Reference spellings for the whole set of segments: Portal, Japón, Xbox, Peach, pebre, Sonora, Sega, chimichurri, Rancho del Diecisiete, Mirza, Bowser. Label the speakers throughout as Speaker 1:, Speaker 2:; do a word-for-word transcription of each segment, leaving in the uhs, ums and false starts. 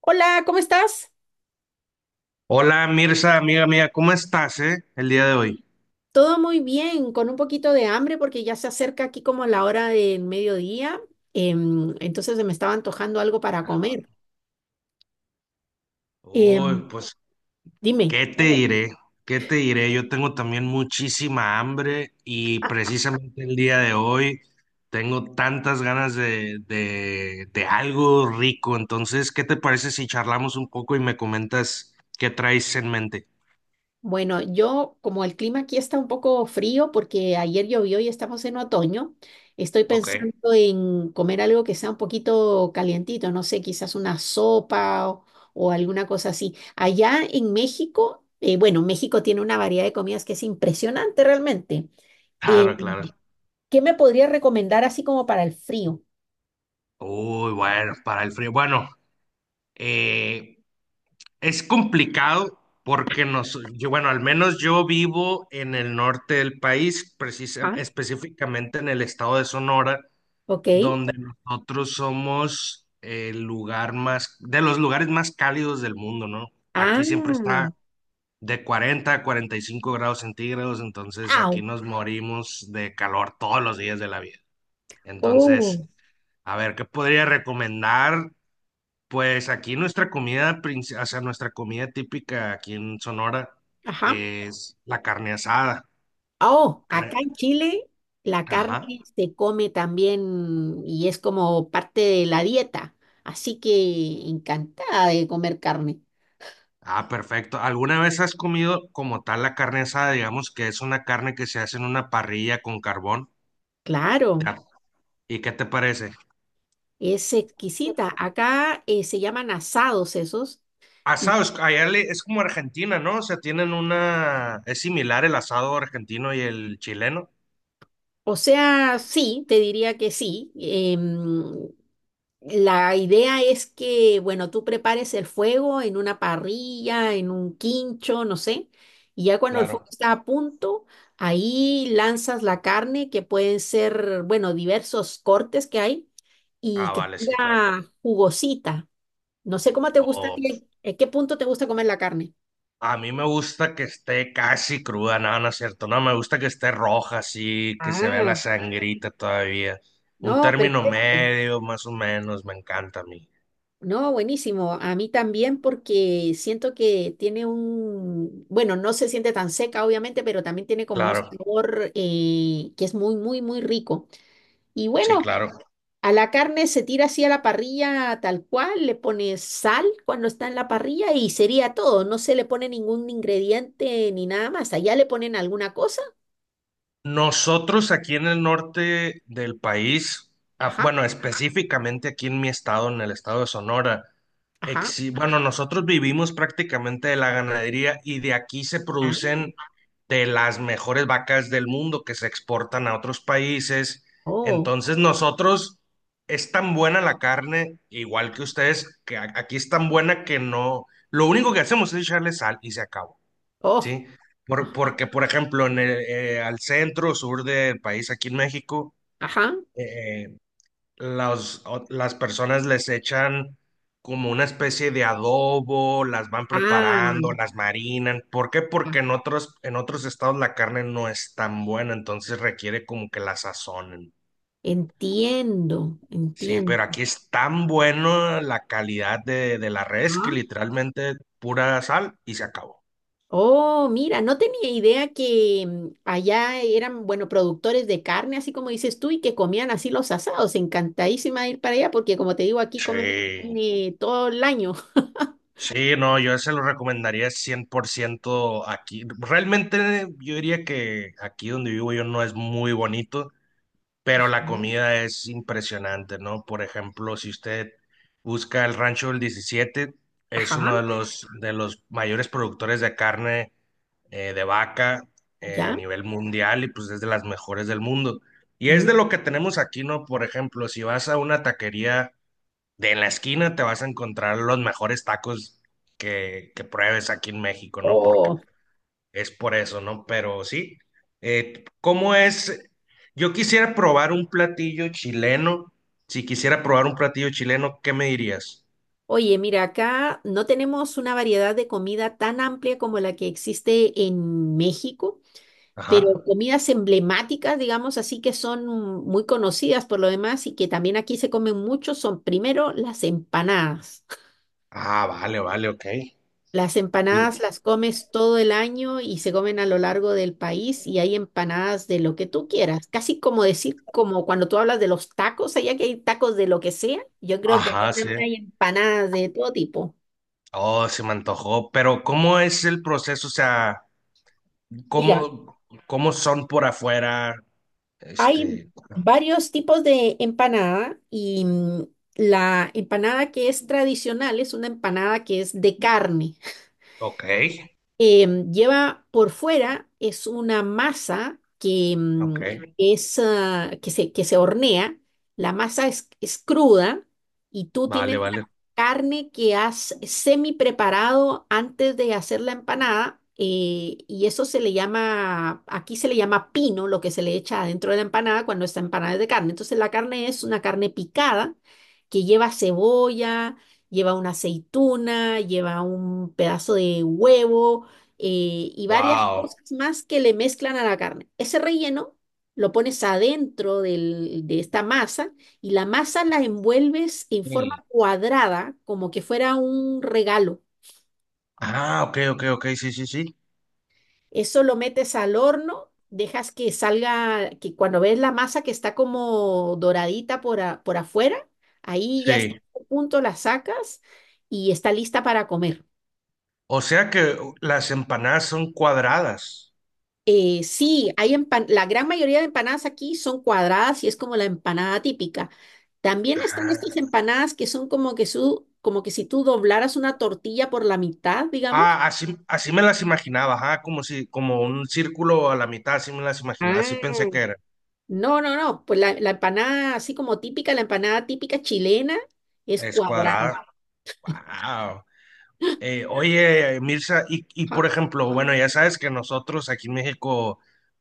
Speaker 1: Hola, ¿cómo estás?
Speaker 2: Hola Mirza, amiga mía, ¿cómo estás, eh, el día de hoy?
Speaker 1: Todo muy bien, con un poquito de hambre porque ya se acerca aquí como la hora del mediodía, em, entonces se me estaba antojando algo para
Speaker 2: Ajá.
Speaker 1: comer. Em,
Speaker 2: Uy, pues,
Speaker 1: dime,
Speaker 2: ¿qué te diré? ¿Qué te diré? Yo tengo también muchísima hambre y precisamente el día de hoy tengo tantas ganas de, de, de algo rico. Entonces, ¿qué te parece si charlamos un poco y me comentas qué traes en mente?
Speaker 1: bueno, yo como el clima aquí está un poco frío porque ayer llovió y estamos en otoño, estoy
Speaker 2: Ok.
Speaker 1: pensando en comer algo que sea un poquito calientito, no sé, quizás una sopa o, o alguna cosa así. Allá en México, eh, bueno, México tiene una variedad de comidas que es impresionante realmente. Em,
Speaker 2: Claro, claro.
Speaker 1: ¿Qué me podría recomendar así como para el frío?
Speaker 2: Uy, bueno, para el frío. Bueno, eh, es complicado porque nos, yo, bueno, al menos yo vivo en el norte del país, precisa-
Speaker 1: Ajá.
Speaker 2: específicamente en el estado de Sonora,
Speaker 1: ¿Ok?
Speaker 2: donde nosotros somos el lugar más, de los lugares más cálidos del mundo, ¿no? Aquí siempre
Speaker 1: Ah,
Speaker 2: está de cuarenta a cuarenta y cinco grados centígrados, entonces aquí
Speaker 1: au,
Speaker 2: nos morimos de calor todos los días de la vida. Entonces,
Speaker 1: oh,
Speaker 2: a ver, ¿qué podría recomendar? Pues aquí nuestra comida, princi- o sea, nuestra comida típica aquí en Sonora
Speaker 1: ajá.
Speaker 2: es la carne asada.
Speaker 1: Oh, acá
Speaker 2: Cre-
Speaker 1: en Chile la
Speaker 2: Ajá.
Speaker 1: carne se come también y es como parte de la dieta. Así que encantada de comer carne.
Speaker 2: Ah, perfecto. ¿Alguna vez has comido como tal la carne asada? Digamos que es una carne que se hace en una parrilla con carbón. ¿Te
Speaker 1: Claro,
Speaker 2: ha- ¿Y qué te parece?
Speaker 1: es exquisita. Acá eh, se llaman asados esos. Y,
Speaker 2: Asado, es- allá le- es como Argentina, ¿no? O sea, tienen una... Es similar el asado argentino y el chileno.
Speaker 1: o sea, sí, te diría que sí. em, La idea es que, bueno, tú prepares el fuego en una parrilla, en un quincho, no sé, y ya cuando el
Speaker 2: Claro.
Speaker 1: fuego está a punto, ahí lanzas la carne, que pueden ser, bueno, diversos cortes que hay, y
Speaker 2: Ah,
Speaker 1: que
Speaker 2: vale, sí, claro.
Speaker 1: tenga jugosita. No sé cómo te gusta a
Speaker 2: Oh,
Speaker 1: ti, ¿en qué punto te gusta comer la carne?
Speaker 2: a mí me gusta que esté casi cruda, no, no es cierto, no, me gusta que esté roja, así, que se vea la
Speaker 1: Ah,
Speaker 2: sangrita todavía. Un
Speaker 1: no,
Speaker 2: término
Speaker 1: perfecto.
Speaker 2: medio, más o menos, me encanta a mí.
Speaker 1: No, buenísimo. A mí también porque siento que tiene un, bueno, no se siente tan seca, obviamente, pero también tiene como un
Speaker 2: Claro,
Speaker 1: sabor eh, que es muy, muy, muy rico. Y
Speaker 2: sí,
Speaker 1: bueno,
Speaker 2: claro.
Speaker 1: a la carne se tira así a la parrilla tal cual, le pones sal cuando está en la parrilla y sería todo. No se le pone ningún ingrediente ni nada más. Allá le ponen alguna cosa.
Speaker 2: Nosotros aquí en el norte del país, af-
Speaker 1: Ajá,
Speaker 2: bueno, específicamente aquí en mi estado, en el estado de Sonora,
Speaker 1: ajá.
Speaker 2: exi- bueno, nosotros vivimos prácticamente de la ganadería y de aquí se
Speaker 1: Ah,
Speaker 2: producen de las mejores vacas del mundo que se exportan a otros países.
Speaker 1: oh,
Speaker 2: Entonces nosotros es tan buena la carne, igual que ustedes, que a- aquí es tan buena que no, lo único que hacemos es echarle sal y se acabó,
Speaker 1: oh,
Speaker 2: ¿sí? Por-
Speaker 1: ajá,
Speaker 2: porque, por ejemplo, en el, eh, al centro, sur del país, aquí en México,
Speaker 1: ajá.
Speaker 2: eh, las, o- las personas les echan como una especie de adobo, las van
Speaker 1: Ah,
Speaker 2: preparando, las marinan. ¿Por qué?
Speaker 1: ya.
Speaker 2: Porque en otros, en otros estados la carne no es tan buena, entonces requiere como que la sazonen.
Speaker 1: Entiendo,
Speaker 2: Sí, pero
Speaker 1: entiendo.
Speaker 2: aquí es tan bueno la calidad de, de la res que
Speaker 1: Ah.
Speaker 2: literalmente pura sal y se acabó.
Speaker 1: Oh, mira, no tenía idea que mm, allá eran, bueno, productores de carne, así como dices tú, y que comían así los asados. Encantadísima de ir para allá porque, como te digo, aquí comemos
Speaker 2: Sí,
Speaker 1: carne todo el año.
Speaker 2: sí, no, yo se lo recomendaría cien por ciento aquí. Realmente yo diría que aquí donde vivo yo no es muy bonito, pero
Speaker 1: Ajá,
Speaker 2: la comida es impresionante, ¿no? Por ejemplo, si usted busca el Rancho del Diecisiete, es
Speaker 1: ajá,
Speaker 2: uno de los, de los mayores productores de carne eh, de vaca eh, a
Speaker 1: ya.
Speaker 2: nivel mundial y pues es de las mejores del mundo. Y es
Speaker 1: Mm,
Speaker 2: de lo que tenemos aquí, ¿no? Por ejemplo, si vas a una taquería de en la esquina, te vas a encontrar los mejores tacos que, que pruebes aquí en México, ¿no? Porque
Speaker 1: oh,
Speaker 2: es por eso, ¿no? Pero sí. Eh, ¿cómo es? Yo quisiera probar un platillo chileno. Si quisiera probar un platillo chileno, ¿qué me dirías?
Speaker 1: oye, mira, acá no tenemos una variedad de comida tan amplia como la que existe en México. Pero
Speaker 2: Ajá.
Speaker 1: comidas emblemáticas, digamos así, que son muy conocidas por lo demás y que también aquí se comen mucho, son primero las empanadas.
Speaker 2: Ah, vale, vale, ok.
Speaker 1: Las empanadas
Speaker 2: Sí.
Speaker 1: las comes todo el año y se comen a lo largo del país y hay empanadas de lo que tú quieras. Casi como decir, como cuando tú hablas de los tacos, allá que hay tacos de lo que sea, yo creo que aquí
Speaker 2: Ajá, sí.
Speaker 1: también hay empanadas de todo tipo.
Speaker 2: Oh, se me antojó. Pero ¿cómo es el proceso? O sea,
Speaker 1: Mira,
Speaker 2: ¿cómo, cómo son por afuera?
Speaker 1: hay
Speaker 2: Este,
Speaker 1: varios tipos de empanada y mm, la empanada que es tradicional es una empanada que es de carne,
Speaker 2: ok,
Speaker 1: eh, lleva por fuera, es una masa que mm,
Speaker 2: ok.
Speaker 1: es, ah, que se, que se hornea, la masa es, es cruda y tú
Speaker 2: Vale,
Speaker 1: tienes
Speaker 2: vale.
Speaker 1: la carne que has semi preparado antes de hacer la empanada, eh, y eso se le llama, aquí se le llama pino, lo que se le echa adentro de la empanada cuando esta empanada es de carne. Entonces la carne es una carne picada que lleva cebolla, lleva una aceituna, lleva un pedazo de huevo, eh, y varias
Speaker 2: Wow.
Speaker 1: cosas más que le mezclan a la carne. Ese relleno lo pones adentro del- de esta masa y la masa la envuelves en forma
Speaker 2: Sí.
Speaker 1: cuadrada, como que fuera un regalo.
Speaker 2: Ah, ok, ok, ok, sí, sí, sí.
Speaker 1: Eso lo metes al horno, dejas que salga, que cuando ves la masa que está como doradita por, a- por afuera, ahí ya está
Speaker 2: Sí.
Speaker 1: a punto, la sacas y está lista para comer.
Speaker 2: O sea que uh, las empanadas son cuadradas.
Speaker 1: Eh, sí, hay empan- la gran mayoría de empanadas aquí son cuadradas y es como la empanada típica. También están
Speaker 2: Ah,
Speaker 1: estas empanadas que son como que, su, como que si tú doblaras una tortilla por la mitad, digamos.
Speaker 2: ah, así, así me las imaginaba, ajá, como si, como un círculo a la mitad, así me las imaginaba, así pensé que
Speaker 1: Ah,
Speaker 2: era.
Speaker 1: no, no, no, pues la, la empanada así como típica, la empanada típica chilena es
Speaker 2: Es
Speaker 1: cuadrada.
Speaker 2: cuadrada. Wow. Eh, oye, Mirza, y, y por
Speaker 1: Ajá.
Speaker 2: ejemplo, bueno, ya sabes que nosotros aquí en México,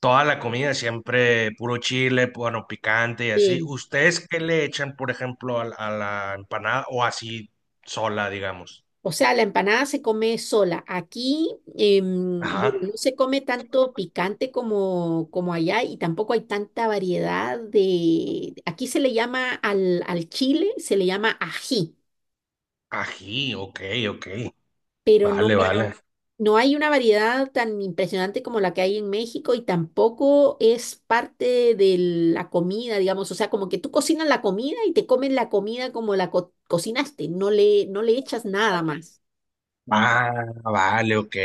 Speaker 2: toda la comida siempre puro chile, bueno, picante y así.
Speaker 1: Sí.
Speaker 2: ¿Ustedes qué le echan, por ejemplo, a, la a la empanada o así sola, digamos?
Speaker 1: O sea, la empanada se come sola. Aquí, em, bueno, no
Speaker 2: Ajá.
Speaker 1: se come tanto picante como, como allá y tampoco hay tanta variedad de. Aquí se le llama al, al chile, se le llama ají,
Speaker 2: Ají, ok, ok.
Speaker 1: pero no,
Speaker 2: Vale, vale.
Speaker 1: no hay una variedad tan impresionante como la que hay en México y tampoco es parte de la comida, digamos. O sea, como que tú cocinas la comida y te comes la comida como la co- cocinaste, no le, no le echas nada más.
Speaker 2: Ah, vale, ok.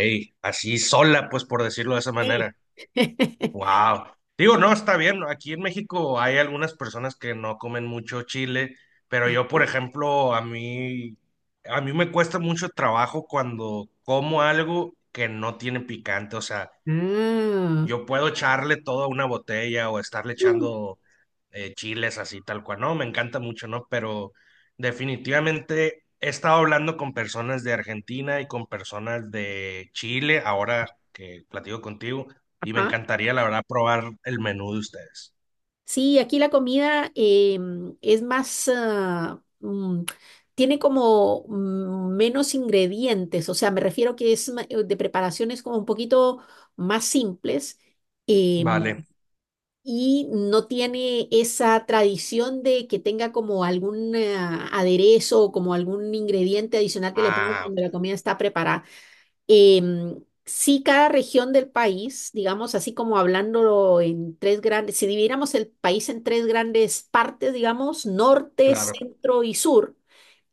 Speaker 2: Así sola, pues por decirlo de esa
Speaker 1: Sí.
Speaker 2: manera. Wow. Digo, no, está bien. Aquí en México hay algunas personas que no comen mucho chile, pero yo, por ejemplo, a mí, a mí me cuesta mucho trabajo cuando como algo que no tiene picante. O sea,
Speaker 1: Ah,
Speaker 2: yo puedo echarle todo a una botella o estarle
Speaker 1: mm,
Speaker 2: echando eh, chiles así tal cual, no, me encanta mucho, ¿no? Pero definitivamente he estado hablando con personas de Argentina y con personas de Chile ahora que platico contigo y me
Speaker 1: ajá.
Speaker 2: encantaría, la verdad, probar el menú de ustedes.
Speaker 1: Sí, aquí la comida em, es más, ah, mm, tiene como mm, menos ingredientes, o sea, me refiero que es ma- eh, de preparaciones como un poquito más simples, em,
Speaker 2: Vale.
Speaker 1: y no tiene esa tradición de que tenga como algún ah, aderezo o como algún ingrediente adicional que le ponga
Speaker 2: Ah, ok,
Speaker 1: cuando la comida está preparada. Em, sí, cada región del país, digamos, así como hablándolo en tres grandes, si dividiéramos el país en tres grandes partes, digamos, norte,
Speaker 2: claro.
Speaker 1: centro y sur,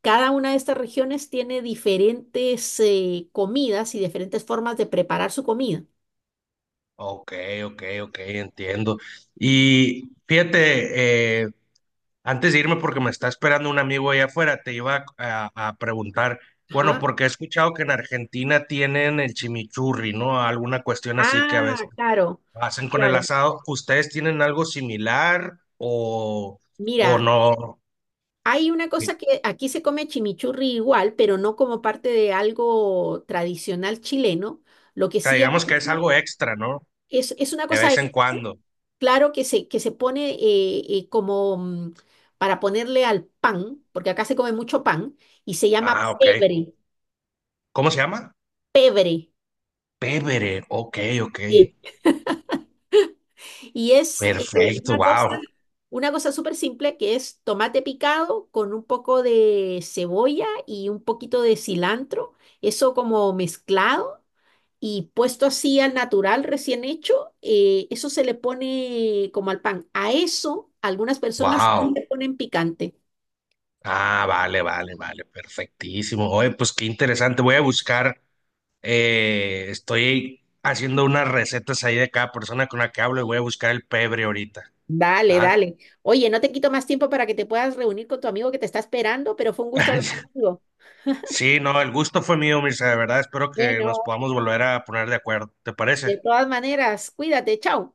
Speaker 1: cada una de estas regiones tiene diferentes eh, comidas y diferentes formas de preparar su comida.
Speaker 2: Ok, ok, ok, entiendo. Y fíjate, eh, antes de irme, porque me está esperando un amigo allá afuera, te iba a, a- a preguntar, bueno,
Speaker 1: Ajá.
Speaker 2: porque he escuchado que en Argentina tienen el chimichurri, ¿no? Alguna cuestión así que a veces
Speaker 1: Ah, claro,
Speaker 2: hacen con el
Speaker 1: claro.
Speaker 2: asado. ¿Ustedes tienen algo similar o, o
Speaker 1: Mira,
Speaker 2: no?
Speaker 1: hay una
Speaker 2: Sí.
Speaker 1: cosa que aquí se come chimichurri igual, pero no como parte de algo tradicional chileno. Lo que
Speaker 2: O sea,
Speaker 1: sí hay
Speaker 2: digamos que es algo extra, ¿no?
Speaker 1: es, es una
Speaker 2: De
Speaker 1: cosa
Speaker 2: vez en cuando.
Speaker 1: claro que se, que se pone eh, eh, como mm, para ponerle al pan, porque acá se come mucho pan, y se llama
Speaker 2: Ah, ok.
Speaker 1: pebre,
Speaker 2: ¿Cómo se llama?
Speaker 1: pebre.
Speaker 2: Pevere. Ok, ok.
Speaker 1: Sí. Y es eh,
Speaker 2: Perfecto,
Speaker 1: una cosa,
Speaker 2: wow,
Speaker 1: una cosa súper simple que es tomate picado con un poco de cebolla y un poquito de cilantro, eso como mezclado. Y puesto así al natural, recién hecho, eh, eso se le pone como al pan. A eso algunas personas sí
Speaker 2: wow.
Speaker 1: le ponen picante.
Speaker 2: Ah, vale, vale, vale, perfectísimo. Oye, pues qué interesante. Voy a buscar Eh, estoy haciendo unas recetas ahí de cada persona con la que hablo y voy a buscar el pebre ahorita.
Speaker 1: Dale,
Speaker 2: ¿Ah?
Speaker 1: dale. Oye, no te quito más tiempo para que te puedas reunir con tu amigo que te está esperando, pero fue un gusto hablar contigo.
Speaker 2: Sí, no, el gusto fue mío, Mirza, de verdad. Espero que nos
Speaker 1: Bueno,
Speaker 2: podamos volver a poner de acuerdo. ¿Te
Speaker 1: de
Speaker 2: parece?
Speaker 1: todas maneras, cuídate, chao.